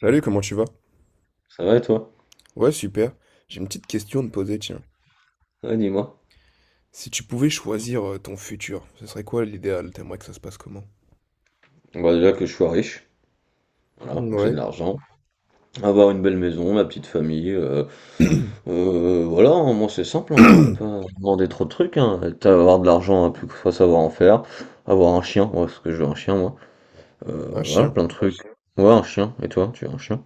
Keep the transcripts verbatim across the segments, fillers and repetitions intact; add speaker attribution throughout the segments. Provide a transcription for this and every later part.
Speaker 1: Salut, comment tu vas?
Speaker 2: Ça va et toi?
Speaker 1: Ouais, super. J'ai une petite question à te poser, tiens.
Speaker 2: Ouais, dis-moi.
Speaker 1: Si tu pouvais choisir euh, ton futur, ce serait quoi l'idéal? T'aimerais que ça se passe comment?
Speaker 2: Bah déjà que je sois riche, voilà, que j'ai de
Speaker 1: Ouais.
Speaker 2: l'argent, avoir une belle maison, ma petite famille, euh, euh, voilà, hein, moi c'est simple, hein, je vais pas demander trop de trucs, hein. T'as- Avoir de l'argent, hein, plus que faut savoir en faire, avoir un chien, ouais, parce que je veux un chien moi. Euh,
Speaker 1: Un
Speaker 2: voilà,
Speaker 1: chien.
Speaker 2: plein de trucs. Ouais, un chien, et toi, tu veux un chien?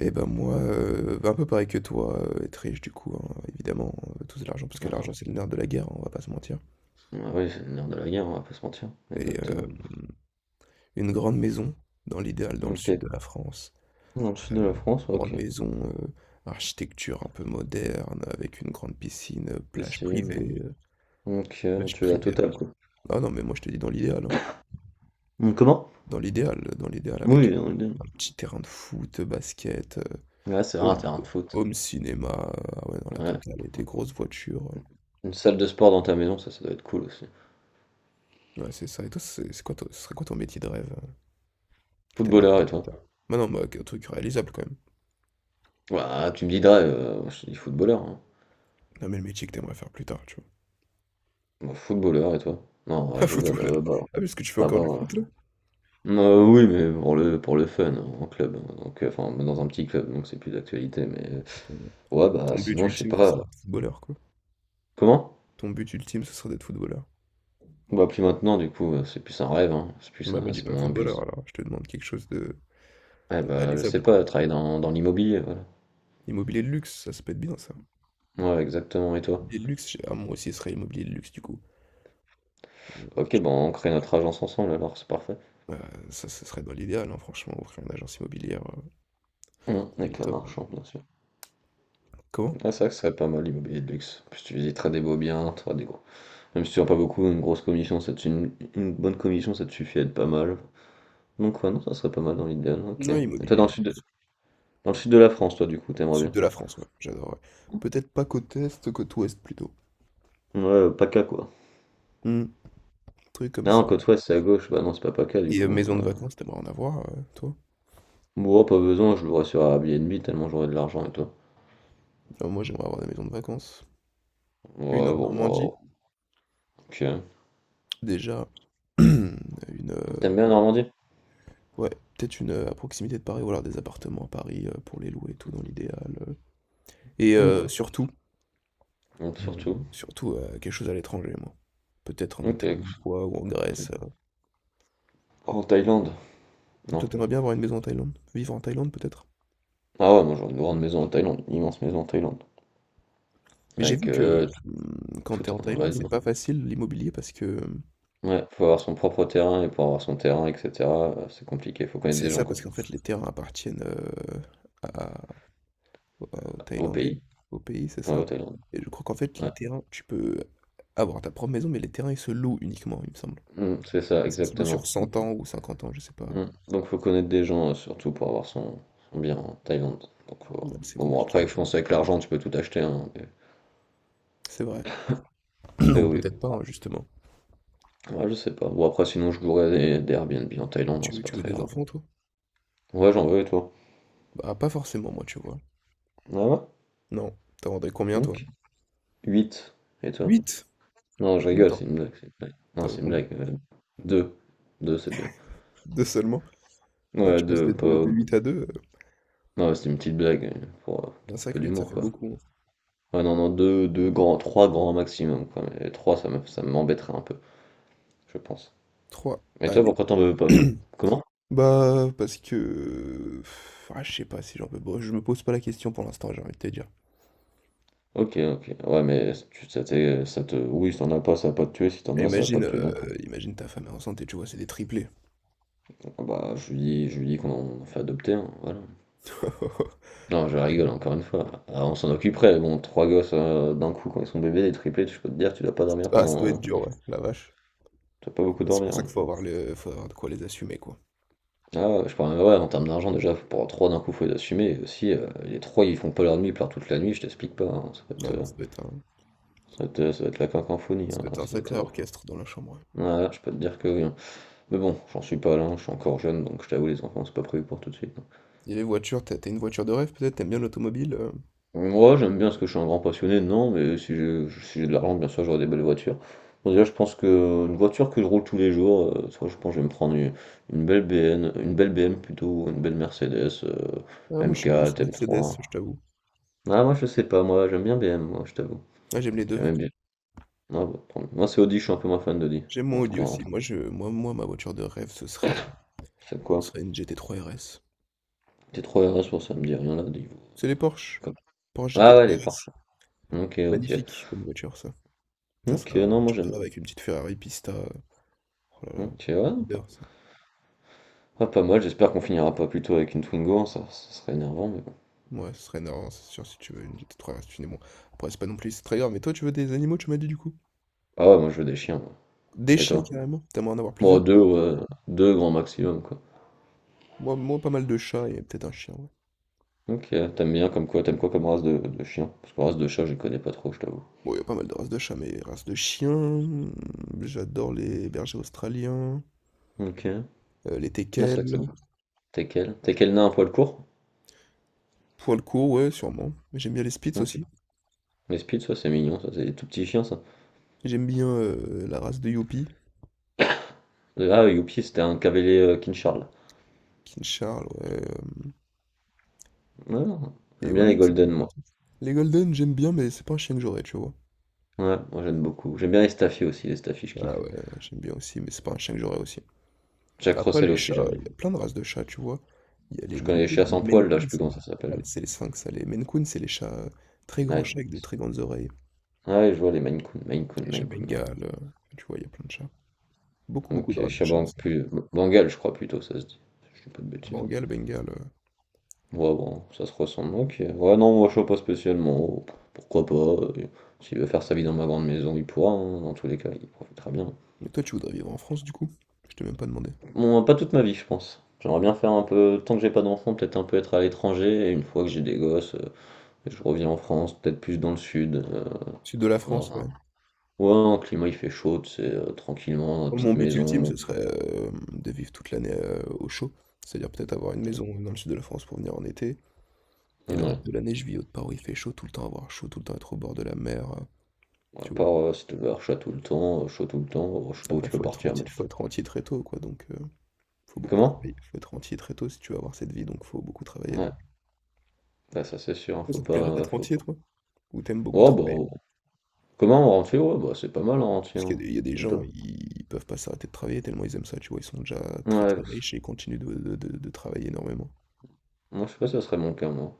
Speaker 1: Eh ben moi, euh, bah, un peu pareil que toi, euh, être riche du coup, hein, évidemment, euh, tout de l'argent, parce que l'argent
Speaker 2: Ah,
Speaker 1: c'est le nerf de la guerre, hein, on va pas se mentir.
Speaker 2: oui, c'est le nerf de la guerre, on va pas se mentir,
Speaker 1: Et euh,
Speaker 2: exactement.
Speaker 1: une grande maison, dans l'idéal, dans le sud
Speaker 2: Ok,
Speaker 1: de la France.
Speaker 2: dans le sud de
Speaker 1: Euh,
Speaker 2: la France, ouais,
Speaker 1: grande
Speaker 2: ok,
Speaker 1: maison, euh, architecture un peu moderne, avec une grande piscine, euh, plage
Speaker 2: ici, non.
Speaker 1: privée. euh,
Speaker 2: Donc euh,
Speaker 1: plage
Speaker 2: tu es la
Speaker 1: privée.
Speaker 2: totale quoi.
Speaker 1: Ah non, mais moi je te dis dans l'idéal. hein.
Speaker 2: Hum, Comment?
Speaker 1: Dans l'idéal, dans l'idéal avec
Speaker 2: Oui, on est- deux.
Speaker 1: un petit terrain de foot, basket, heu,
Speaker 2: Ouais, c'est vrai, un
Speaker 1: home
Speaker 2: terrain de foot.
Speaker 1: home cinéma, heu, ah ouais, dans la
Speaker 2: Ouais,
Speaker 1: totale et des grosses voitures, heu.
Speaker 2: une salle de sport dans ta maison, ça, ça doit être cool aussi.
Speaker 1: Ouais, c'est ça et toi, c'est c'est quoi ton ce serait quoi ton métier de rêve, heu, que t'aimerais
Speaker 2: Footballeur
Speaker 1: faire
Speaker 2: et
Speaker 1: plus
Speaker 2: toi?
Speaker 1: tard? Bah, non, bah, un truc réalisable quand même.
Speaker 2: Ouah, tu me dis drive, heu, moi, je te dis footballeur, hein.
Speaker 1: Non, mais le métier que t'aimerais faire plus tard, tu vois?
Speaker 2: Bah, footballeur et toi? Non,
Speaker 1: Un
Speaker 2: je rigole,
Speaker 1: footballeur.
Speaker 2: heu, bah,
Speaker 1: Ah, parce que tu fais
Speaker 2: bah,
Speaker 1: encore du
Speaker 2: bah,
Speaker 1: foot là?
Speaker 2: heu, oui, mais pour le pour le fun, hein, en club, hein. Donc heu, enfin dans un petit club, donc c'est plus d'actualité, mais euh,
Speaker 1: Toi, ton
Speaker 2: ouais, bah,
Speaker 1: ton but
Speaker 2: sinon, je sais
Speaker 1: ultime, ce
Speaker 2: pas,
Speaker 1: serait
Speaker 2: heu
Speaker 1: d'être footballeur, quoi.
Speaker 2: comment?
Speaker 1: Ton but ultime, ce serait d'être footballeur?
Speaker 2: Bah, plus maintenant, du coup, heu, c'est plus un rêve, hein, c'est plus
Speaker 1: Bah, me
Speaker 2: un
Speaker 1: dis
Speaker 2: c'est
Speaker 1: pas
Speaker 2: moins un but.
Speaker 1: footballeur alors, je te demande quelque chose de
Speaker 2: Eh
Speaker 1: de
Speaker 2: bah, je sais
Speaker 1: réalisable,
Speaker 2: pas,
Speaker 1: quoi.
Speaker 2: travailler dans dans l'immobilier, voilà.
Speaker 1: Immobilier de luxe, ça ça peut être bien ça.
Speaker 2: Ouais, exactement et toi?
Speaker 1: Et le luxe, j'ai- ah, moi aussi, ce serait immobilier de luxe, du coup. Heu,
Speaker 2: OK, bah, on crée notre agence ensemble alors, c'est parfait.
Speaker 1: ça, ce serait dans l'idéal, hein, franchement, ouvrir une agence immobilière, heu,
Speaker 2: Mmh,
Speaker 1: ce le
Speaker 2: avec la
Speaker 1: top, hein.
Speaker 2: marchande, bien sûr.
Speaker 1: Comment?
Speaker 2: Ah, c'est vrai que ce serait pas mal l'immobilier de luxe. Puis tu visiteras des beaux biens, t'auras des gros. Même si tu n'as pas beaucoup, une grosse commission, ça te- une, une bonne commission, ça te suffit à être pas mal. Donc ouais, non, ça serait pas mal dans l'idéal, ok.
Speaker 1: Ouais,
Speaker 2: Et toi dans
Speaker 1: immobilier
Speaker 2: le
Speaker 1: de
Speaker 2: sud de,
Speaker 1: luxe.
Speaker 2: Dans le sud de la France, toi du coup, t'aimerais
Speaker 1: Sud
Speaker 2: bien.
Speaker 1: de la France, ouais, j'adorerais. Peut-être pas côte est, côte ouest, plutôt.
Speaker 2: Ouais, euh, PACA quoi.
Speaker 1: Mmh, truc comme
Speaker 2: Ah non,
Speaker 1: ça.
Speaker 2: côte ouest c'est à gauche, bah non c'est pas PACA du
Speaker 1: Et heu,
Speaker 2: coup.
Speaker 1: maison de
Speaker 2: Euh,
Speaker 1: vacances, t'aimerais en avoir, heu, toi?
Speaker 2: Bon, pas besoin, je l'aurais sur Airbnb tellement j'aurais de l'argent et toi.
Speaker 1: Ah, moi, j'aimerais avoir des maisons de vacances. Une en
Speaker 2: Ouais, bon,
Speaker 1: Normandie,
Speaker 2: wow, ok.
Speaker 1: déjà. Une,
Speaker 2: T'aimes
Speaker 1: heu,
Speaker 2: bien Normandie?
Speaker 1: ouais, peut-être une, heu, à proximité de Paris ou alors des appartements à Paris, heu, pour les louer et tout, dans l'idéal, heu et
Speaker 2: Oui,
Speaker 1: heu,
Speaker 2: bah,
Speaker 1: surtout.
Speaker 2: donc,
Speaker 1: Et, euh,
Speaker 2: surtout.
Speaker 1: surtout euh, quelque chose à l'étranger, moi. Peut-être en Italie
Speaker 2: Ok.
Speaker 1: ou quoi, ou en Grèce. euh.
Speaker 2: En Thaïlande?
Speaker 1: Toi,
Speaker 2: Non.
Speaker 1: t'aimerais bien avoir une maison en Thaïlande? Vivre en Thaïlande, peut-être?
Speaker 2: Ah ouais, moi j'aurais une grande maison en Thaïlande, une immense maison en Thaïlande.
Speaker 1: Mais j'ai vu
Speaker 2: Avec euh,
Speaker 1: que hum, quand
Speaker 2: tout
Speaker 1: t'es
Speaker 2: tout
Speaker 1: en
Speaker 2: un.
Speaker 1: Thaïlande,
Speaker 2: Ouais,
Speaker 1: c'est
Speaker 2: dis-moi.
Speaker 1: pas facile l'immobilier parce que hum,
Speaker 2: Ouais, faut avoir son propre terrain et pour avoir son terrain, et cetera euh, C'est compliqué, faut connaître
Speaker 1: c'est
Speaker 2: des gens,
Speaker 1: ça,
Speaker 2: quoi.
Speaker 1: parce qu'en fait, les terrains appartiennent euh, à- aux
Speaker 2: Au
Speaker 1: Thaïlandais,
Speaker 2: pays.
Speaker 1: au pays, c'est
Speaker 2: Ouais,
Speaker 1: ça?
Speaker 2: au Thaïlande.
Speaker 1: Et je crois qu'en fait, les
Speaker 2: Ouais.
Speaker 1: terrains, tu peux avoir ta propre maison, mais les terrains, ils se louent uniquement, il me semble.
Speaker 2: Mm, c'est ça,
Speaker 1: Ça se loue sur
Speaker 2: exactement.
Speaker 1: cent ans ou cinquante ans, je sais pas.
Speaker 2: Mm. Donc faut connaître des gens, euh, surtout pour avoir son, son bien en Thaïlande. Donc,
Speaker 1: Ouais,
Speaker 2: faut-
Speaker 1: c'est
Speaker 2: bon, bon,
Speaker 1: compliqué.
Speaker 2: après, je pense avec l'argent, tu peux tout acheter, hein, mais...
Speaker 1: C'est vrai.
Speaker 2: mais
Speaker 1: Ou
Speaker 2: oui.
Speaker 1: peut-être pas, hein, justement.
Speaker 2: Ouais, je sais pas. Bon, après, sinon, je louerais des, des Airbnb en Thaïlande, hein, c'est
Speaker 1: Tu,
Speaker 2: pas
Speaker 1: tu veux
Speaker 2: très
Speaker 1: des
Speaker 2: grave.
Speaker 1: enfants, toi?
Speaker 2: Ouais, j'en veux, et toi?
Speaker 1: Bah, pas forcément, moi, tu vois.
Speaker 2: Ah ouais?
Speaker 1: Non. T'en vendrais combien, toi?
Speaker 2: Ok. huit. Et toi?
Speaker 1: Huit.
Speaker 2: Non, je rigole,
Speaker 1: Attends,
Speaker 2: c'est une blague, c'est une blague. Non,
Speaker 1: t'en veux
Speaker 2: c'est une
Speaker 1: combien?
Speaker 2: blague. Euh, deux. Deux, c'est bien.
Speaker 1: Deux seulement? Bah,
Speaker 2: Ouais,
Speaker 1: tu passes de,
Speaker 2: deux,
Speaker 1: deux de
Speaker 2: pas.
Speaker 1: huit à deux euh,
Speaker 2: Non, c'est une petite blague, euh, pour, euh,
Speaker 1: un
Speaker 2: pour un
Speaker 1: sac
Speaker 2: peu
Speaker 1: huit, ça
Speaker 2: d'humour,
Speaker 1: fait
Speaker 2: quoi.
Speaker 1: beaucoup. hein.
Speaker 2: Ouais, non, non, deux, deux grands, trois grands maximum, quoi. Mais trois, ça me, ça m'embêterait un peu, je pense.
Speaker 1: Trois.
Speaker 2: Mais
Speaker 1: Ah,
Speaker 2: toi, pourquoi t'en veux pas?
Speaker 1: mais...
Speaker 2: Comment?
Speaker 1: Bah, parce que... Ah, je sais pas si j'en peux... Bon, je me pose pas la question pour l'instant, j'ai envie de te dire.
Speaker 2: Ok, ok. Ouais, mais tu, ça, t'est- ça te. Oui, si t'en as pas, ça va pas te tuer. Si t'en as, ça va pas
Speaker 1: Imagine,
Speaker 2: te tuer non plus.
Speaker 1: euh, imagine ta femme est enceinte et tu vois, c'est des triplés.
Speaker 2: Ah bah, je lui dis, je lui dis qu'on en fait adopter, hein, voilà. Non, je rigole, encore une fois. Ah, on s'en occuperait, bon, trois gosses, euh, d'un coup quand ils sont bébés, des triplés, je peux te dire, tu dois pas dormir
Speaker 1: Ah, ça doit être
Speaker 2: pendant. Tu
Speaker 1: dur, ouais, la vache.
Speaker 2: dois pas beaucoup
Speaker 1: Ouais, c'est pour
Speaker 2: dormir,
Speaker 1: ça
Speaker 2: hein.
Speaker 1: qu'il faut avoir le... faut avoir de quoi les assumer, quoi.
Speaker 2: Ah, ouais, je parle, même ouais, en termes d'argent, déjà, faut- pour trois d'un coup, faut les assumer. Et aussi, euh, les trois, ils font pas leur nuit, ils pleurent toute la nuit, je t'explique pas, hein. Ça va être,
Speaker 1: Ah non,
Speaker 2: euh,
Speaker 1: ça doit être un...
Speaker 2: ça va être, euh, ça va être la cacomphonie,
Speaker 1: ça
Speaker 2: hein.
Speaker 1: doit être un
Speaker 2: Ça va
Speaker 1: sacré
Speaker 2: être.
Speaker 1: orchestre dans la chambre. ouais.
Speaker 2: Euh, ouais, je peux te dire que oui, hein. Mais bon, j'en suis pas là, hein. Je suis encore jeune, donc je t'avoue, les enfants, c'est pas prévu pour tout de suite, hein.
Speaker 1: Et les voitures, t'as t'as une voiture de rêve peut-être? T'aimes bien l'automobile? euh
Speaker 2: Moi, j'aime bien parce que je suis un grand passionné, non, mais si j'ai si j'ai de l'argent, bien sûr, j'aurai des belles voitures. Bon, déjà, je pense que une voiture que je roule tous les jours, euh, soit je pense que je vais me prendre une, une belle B N, une belle B M plutôt, une belle Mercedes, euh,
Speaker 1: Ah, moi je suis plus
Speaker 2: M quatre,
Speaker 1: Mercedes,
Speaker 2: M trois.
Speaker 1: je t'avoue.
Speaker 2: Ah, moi, je sais pas, moi, j'aime bien B M, moi, je t'avoue.
Speaker 1: Ah, j'aime les deux.
Speaker 2: J'aime bien. Ah, bah, tant mieux. Moi, c'est Audi, je suis un peu moins fan d'Audi.
Speaker 1: J'aime
Speaker 2: En
Speaker 1: mon
Speaker 2: tout
Speaker 1: Audi
Speaker 2: cas,
Speaker 1: aussi.
Speaker 2: entre-
Speaker 1: Moi, je, moi, moi, ma voiture de rêve, ce serait,
Speaker 2: C'est
Speaker 1: ce
Speaker 2: quoi?
Speaker 1: serait une G T trois R S.
Speaker 2: T trois R S, pour ça me dit rien là, dis-vous.
Speaker 1: C'est les Porsche.
Speaker 2: Comme-
Speaker 1: Porsche
Speaker 2: Ah, ouais, elle
Speaker 1: G T trois
Speaker 2: est
Speaker 1: R S.
Speaker 2: parfaite. Ok, ok.
Speaker 1: Magnifique comme voiture, ça. Ça serait
Speaker 2: Ok,
Speaker 1: vraiment une
Speaker 2: non, moi,
Speaker 1: voiture de
Speaker 2: j'aime.
Speaker 1: rêve avec une petite Ferrari Pista. Oh là là,
Speaker 2: Ok, ouais,
Speaker 1: j'adore ça.
Speaker 2: ah, pas mal, j'espère qu'on finira pas plutôt avec une Twingo, hein, ça, ça serait énervant, mais bon.
Speaker 1: Ouais, ce serait énorme, c'est sûr, si tu veux une G T trois R S, bon. Après, c'est pas non plus c'est très grave, mais toi, tu veux des animaux, tu m'as dit du coup?
Speaker 2: Ah ouais, moi je veux des chiens, moi.
Speaker 1: Des
Speaker 2: Et
Speaker 1: chiens
Speaker 2: toi?
Speaker 1: carrément? T'aimerais en avoir
Speaker 2: Moi,
Speaker 1: plusieurs?
Speaker 2: deux, ouais, deux grand maximum, quoi.
Speaker 1: Moi, moi, pas mal de chats et peut-être un chien.
Speaker 2: Ok, t'aimes bien comme quoi, t'aimes quoi comme race de, de chien? Parce que race de chat, je les connais pas trop, je t'avoue.
Speaker 1: Bon, il y a pas mal de races de chats, mais races de chiens, mmh, j'adore les bergers australiens,
Speaker 2: Ok, ah,
Speaker 1: heu, les
Speaker 2: c'est vrai que c'est
Speaker 1: teckels,
Speaker 2: bon. T'es quel? T'es quel nain à poil court?
Speaker 1: poil court ouais, sûrement. J'aime bien les spitz
Speaker 2: Ok.
Speaker 1: aussi.
Speaker 2: Les Spitz, ça c'est mignon, ça c'est des tout petits chiens, ça.
Speaker 1: J'aime bien, heu, la race de Yoppie,
Speaker 2: Ah, Youpi, c'était un cavalier, euh, King Charles.
Speaker 1: King Charles, ouais, hem
Speaker 2: Ouais, non,
Speaker 1: et
Speaker 2: j'aime bien
Speaker 1: ouais, non,
Speaker 2: les
Speaker 1: ça
Speaker 2: Golden,
Speaker 1: fait
Speaker 2: moi.
Speaker 1: partie. Les golden, j'aime bien, mais c'est pas un chien que j'aurais, tu vois?
Speaker 2: Ouais, moi j'aime beaucoup. J'aime bien les Staffy aussi, les Staffy, je
Speaker 1: Ah
Speaker 2: kiffe.
Speaker 1: ouais, j'aime bien aussi, mais c'est pas un chien que j'aurais aussi.
Speaker 2: Jack
Speaker 1: Après
Speaker 2: Russell
Speaker 1: les
Speaker 2: aussi,
Speaker 1: chats,
Speaker 2: j'aime bien.
Speaker 1: il y a plein de races de chats, tu vois? Il y a les
Speaker 2: Je
Speaker 1: Maine
Speaker 2: connais les
Speaker 1: Coon,
Speaker 2: chiens
Speaker 1: les
Speaker 2: sans
Speaker 1: Maine
Speaker 2: poil, là, je
Speaker 1: Coon,
Speaker 2: sais plus
Speaker 1: c'est
Speaker 2: comment
Speaker 1: les
Speaker 2: ça
Speaker 1: ah,
Speaker 2: s'appelle.
Speaker 1: les c'est les sphinx, ça. Les Maine Coon, c'est les chats, heu, très grands
Speaker 2: Ouais.
Speaker 1: chats avec de très grandes oreilles.
Speaker 2: Ah ouais, je vois les Maine Coon, Maine Coon,
Speaker 1: Les chats
Speaker 2: Maine Coon, ouais.
Speaker 1: bengales, euh, enfin, tu vois, il y a plein de chats. Beaucoup, beaucoup de
Speaker 2: Ok,
Speaker 1: races de chats
Speaker 2: Chabang,
Speaker 1: aussi.
Speaker 2: plus Bengale, je crois plutôt, ça se dit. Je dis pas de bêtises, hein.
Speaker 1: Bengale, Bengale. euh.
Speaker 2: Ouais, bon, ça se ressemble. Ok. Ouais, non, moi je vois pas spécialement. Oh, pourquoi pas? euh, S'il veut faire sa vie dans ma grande maison, il pourra, hein. Dans tous les cas, il profitera bien.
Speaker 1: Mais toi, tu voudrais vivre en France, du coup? Je t'ai même pas demandé.
Speaker 2: Bon, pas toute ma vie, je pense. J'aimerais bien faire un peu, tant que j'ai pas d'enfants, peut-être un peu être à l'étranger. Et une fois que j'ai des gosses, euh, je reviens en France, peut-être plus dans le sud. euh,
Speaker 1: Sud de la France,
Speaker 2: dans
Speaker 1: ouais.
Speaker 2: un- Ouais, un climat il fait chaud, c'est tranquillement, dans la
Speaker 1: Moi, mon
Speaker 2: petite
Speaker 1: but ultime, ce
Speaker 2: maison.
Speaker 1: serait euh, de vivre toute l'année euh, au chaud. C'est-à-dire peut-être avoir une maison dans le sud de la France pour venir en été. Et le
Speaker 2: Ouais,
Speaker 1: reste de l'année, je vis au part où il fait chaud, tout le temps avoir chaud, tout le temps être au bord de la mer, euh,
Speaker 2: ouais. À
Speaker 1: tu vois.
Speaker 2: part, heu, si tu vas chaud tout le temps, heu, chaud tout le temps, heu, je sais pas où
Speaker 1: Après,
Speaker 2: tu peux
Speaker 1: faut être
Speaker 2: partir, mais
Speaker 1: rentier,
Speaker 2: tu te
Speaker 1: faut être rentier très tôt, quoi. Donc, euh, faut beaucoup
Speaker 2: comment?
Speaker 1: travailler. Faut être rentier très tôt si tu veux avoir cette vie, donc faut beaucoup travailler.
Speaker 2: Ouais,
Speaker 1: Donc,
Speaker 2: bah, ça c'est sûr, hein,
Speaker 1: Toi,
Speaker 2: faut
Speaker 1: ça te
Speaker 2: pas,
Speaker 1: plairait
Speaker 2: euh,
Speaker 1: d'être
Speaker 2: faut,
Speaker 1: rentier, toi? Ou t'aimes beaucoup
Speaker 2: oh bah,
Speaker 1: travailler?
Speaker 2: euh, comment? En rentier? Ouais, bah, c'est pas mal en rentier,
Speaker 1: Parce
Speaker 2: hein,
Speaker 1: qu'il y a des il y a des
Speaker 2: et
Speaker 1: gens,
Speaker 2: toi?
Speaker 1: ils peuvent pas s'arrêter de travailler tellement ils aiment ça, tu vois? Ils sont déjà très,
Speaker 2: Ouais,
Speaker 1: très
Speaker 2: bah, c'est-
Speaker 1: riches et ils continuent de de de de travailler énormément.
Speaker 2: moi je sais pas si ça serait mon cas, moi,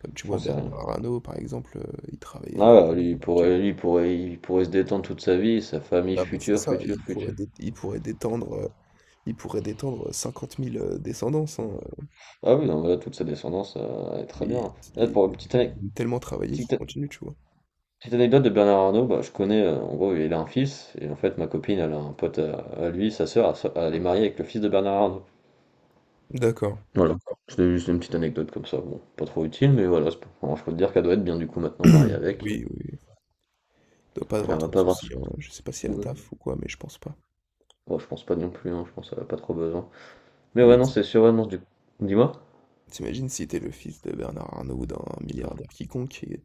Speaker 1: Comme tu
Speaker 2: j'en
Speaker 1: vois
Speaker 2: sais rien.
Speaker 1: Bernard Arnault par exemple, heu, il travaille
Speaker 2: Ah, ouais, lui,
Speaker 1: énormément.
Speaker 2: il
Speaker 1: OK.
Speaker 2: pourrait lui, il pourrait il pourrait se détendre toute sa vie, sa famille
Speaker 1: Ah mais c'est
Speaker 2: future,
Speaker 1: ça,
Speaker 2: future,
Speaker 1: il pourrait
Speaker 2: future.
Speaker 1: dét il pourrait détendre, heu, il pourrait détendre, cinquante mille heu, descendances, hein,
Speaker 2: Ah oui, non, mais là, toute sa descendance, heu, elle est très bien,
Speaker 1: il
Speaker 2: hein. Là,
Speaker 1: il
Speaker 2: pour la petite
Speaker 1: il
Speaker 2: ane
Speaker 1: aime tellement travailler qu'il
Speaker 2: petite
Speaker 1: continue, tu vois?
Speaker 2: Petite anecdote de Bernard Arnault, bah, je connais, euh, en gros, il a un fils, et en fait, ma copine, elle a un pote à, à lui, sa sœur, elle so- elle est mariée avec le fils de Bernard Arnault.
Speaker 1: D'accord.
Speaker 2: Voilà, c'était juste une petite anecdote comme ça, bon, pas trop utile, mais voilà, c'est pas- alors, je peux te dire qu'elle doit être bien du coup maintenant mariée avec.
Speaker 1: Oui, oui, oui. Doit pas
Speaker 2: Elle
Speaker 1: avoir
Speaker 2: va
Speaker 1: trop de
Speaker 2: pas avoir. ce-
Speaker 1: soucis, hein. Je sais pas si elle
Speaker 2: Ouais.
Speaker 1: taffe ou quoi, mais je pense pas.
Speaker 2: Oh, je pense pas non plus, hein, je pense qu'elle a pas trop besoin. Mais
Speaker 1: Putain
Speaker 2: ouais,
Speaker 1: mais
Speaker 2: non,
Speaker 1: ti
Speaker 2: c'est sûr, ouais, non, du dis-moi?
Speaker 1: tu si t'es le fils de Bernard Arnault ou d'un
Speaker 2: Non.
Speaker 1: milliardaire quiconque et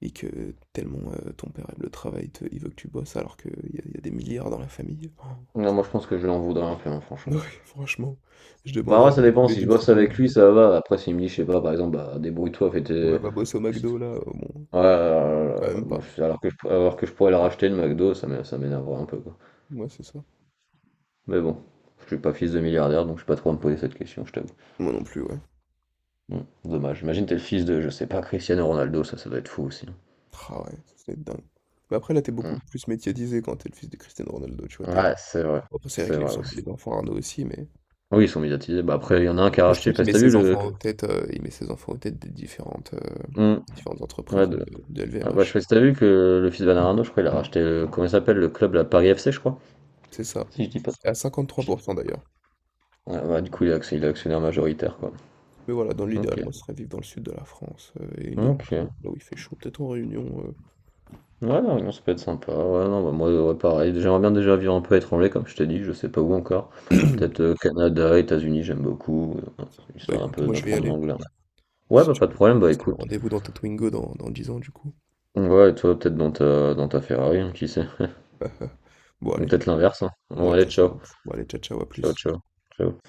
Speaker 1: et que tellement euh, ton père aime le travail, te- il veut que tu bosses alors qu'il y, a il y a des milliards dans la famille. Oh.
Speaker 2: Non, moi je pense que je l'en voudrais un peu, hein, franchement.
Speaker 1: Ouais, franchement, je
Speaker 2: Bah
Speaker 1: demanderais
Speaker 2: ouais, ça
Speaker 1: à tous
Speaker 2: dépend,
Speaker 1: les
Speaker 2: si je
Speaker 1: deux
Speaker 2: bosse
Speaker 1: toute ma
Speaker 2: avec
Speaker 1: vie,
Speaker 2: lui,
Speaker 1: moi.
Speaker 2: ça va, après s'il me dit, je sais pas, par exemple, bah débrouille-toi, fais
Speaker 1: Ouais,
Speaker 2: tes...
Speaker 1: va bosser au McDo là, euh, bon,
Speaker 2: Ouais,
Speaker 1: bah,
Speaker 2: alors,
Speaker 1: même
Speaker 2: moi,
Speaker 1: pas.
Speaker 2: je- alors que je, alors que je pourrais le racheter le McDo, ça m'é- ça m'énerverait un peu quoi.
Speaker 1: Moi, c'est ça.
Speaker 2: Mais bon, je suis pas fils de milliardaire, donc je suis pas trop à me poser cette question, je t'avoue.
Speaker 1: Moi non plus, ouais.
Speaker 2: Hmm, dommage. Imagine t'es le fils de, je sais pas, Cristiano Ronaldo, ça, ça doit être fou aussi.
Speaker 1: Ah ouais, ça c'est dingue. Mais après, là, t'es
Speaker 2: Hmm.
Speaker 1: beaucoup plus médiatisé quand t'es le fils de Cristiano Ronaldo, tu vois. t'es-
Speaker 2: Ouais, c'est vrai,
Speaker 1: Après, c'est vrai
Speaker 2: c'est
Speaker 1: que les,
Speaker 2: vrai aussi.
Speaker 1: les enfants Arnaud aussi, mais.
Speaker 2: Oui, ils sont médiatisés. Bah après, il y en a un qui a
Speaker 1: Mais je crois
Speaker 2: racheté,
Speaker 1: qu'il
Speaker 2: parce
Speaker 1: met
Speaker 2: que t'as vu
Speaker 1: ses
Speaker 2: le.
Speaker 1: enfants aux têtes, euh, il met ses enfants aux têtes des différentes, euh,
Speaker 2: Hmm,
Speaker 1: des différentes entreprises
Speaker 2: ouais,
Speaker 1: de,
Speaker 2: de-
Speaker 1: de
Speaker 2: ah, bah, je sais
Speaker 1: L V M H.
Speaker 2: pas si t'as vu que le fils de Bernardo, je crois, il a racheté, le- comment il s'appelle, le club, la Paris F C, je crois.
Speaker 1: C'est ça.
Speaker 2: Si je dis pas.
Speaker 1: À cinquante-trois
Speaker 2: je
Speaker 1: pour
Speaker 2: dis-
Speaker 1: cent d'ailleurs.
Speaker 2: Ouais, bah, du coup, il est actionnaire il est actionnaire majoritaire quoi.
Speaker 1: Mais voilà, dans
Speaker 2: Ok.
Speaker 1: l'idéal, moi, ce serait vivre dans le sud de la France euh, et une autre maison,
Speaker 2: Ok.
Speaker 1: là où il fait chaud, peut-être en Réunion.
Speaker 2: Ouais, la Réunion, ça peut être sympa. Ouais, non, bah, moi, ouais, pareil. J'aimerais bien déjà vivre un peu à l'étranger, comme je t'ai dit, je sais pas où encore.
Speaker 1: euh.
Speaker 2: Peut-être, euh, Canada, États-Unis, j'aime beaucoup, euh,
Speaker 1: Bah
Speaker 2: histoire d'un
Speaker 1: écoute,
Speaker 2: peu
Speaker 1: moi, je vais y
Speaker 2: d'apprendre
Speaker 1: aller.
Speaker 2: l'anglais. Ouais,
Speaker 1: Si
Speaker 2: bah
Speaker 1: tu
Speaker 2: pas de
Speaker 1: veux.
Speaker 2: problème, bah écoute.
Speaker 1: Rendez-vous dans Tatwingo dans, dans dix ans, du coup.
Speaker 2: Ouais, et toi, peut-être dans ta, dans ta Ferrari, hein, qui sait.
Speaker 1: Ah, bon,
Speaker 2: Ou
Speaker 1: allez.
Speaker 2: peut-être l'inverse, hein. Bon,
Speaker 1: Ouais,
Speaker 2: allez,
Speaker 1: peut-être ça.
Speaker 2: ciao.
Speaker 1: Bon, allez, ciao, ciao, à
Speaker 2: Ciao,
Speaker 1: plus.
Speaker 2: ciao. Ciao.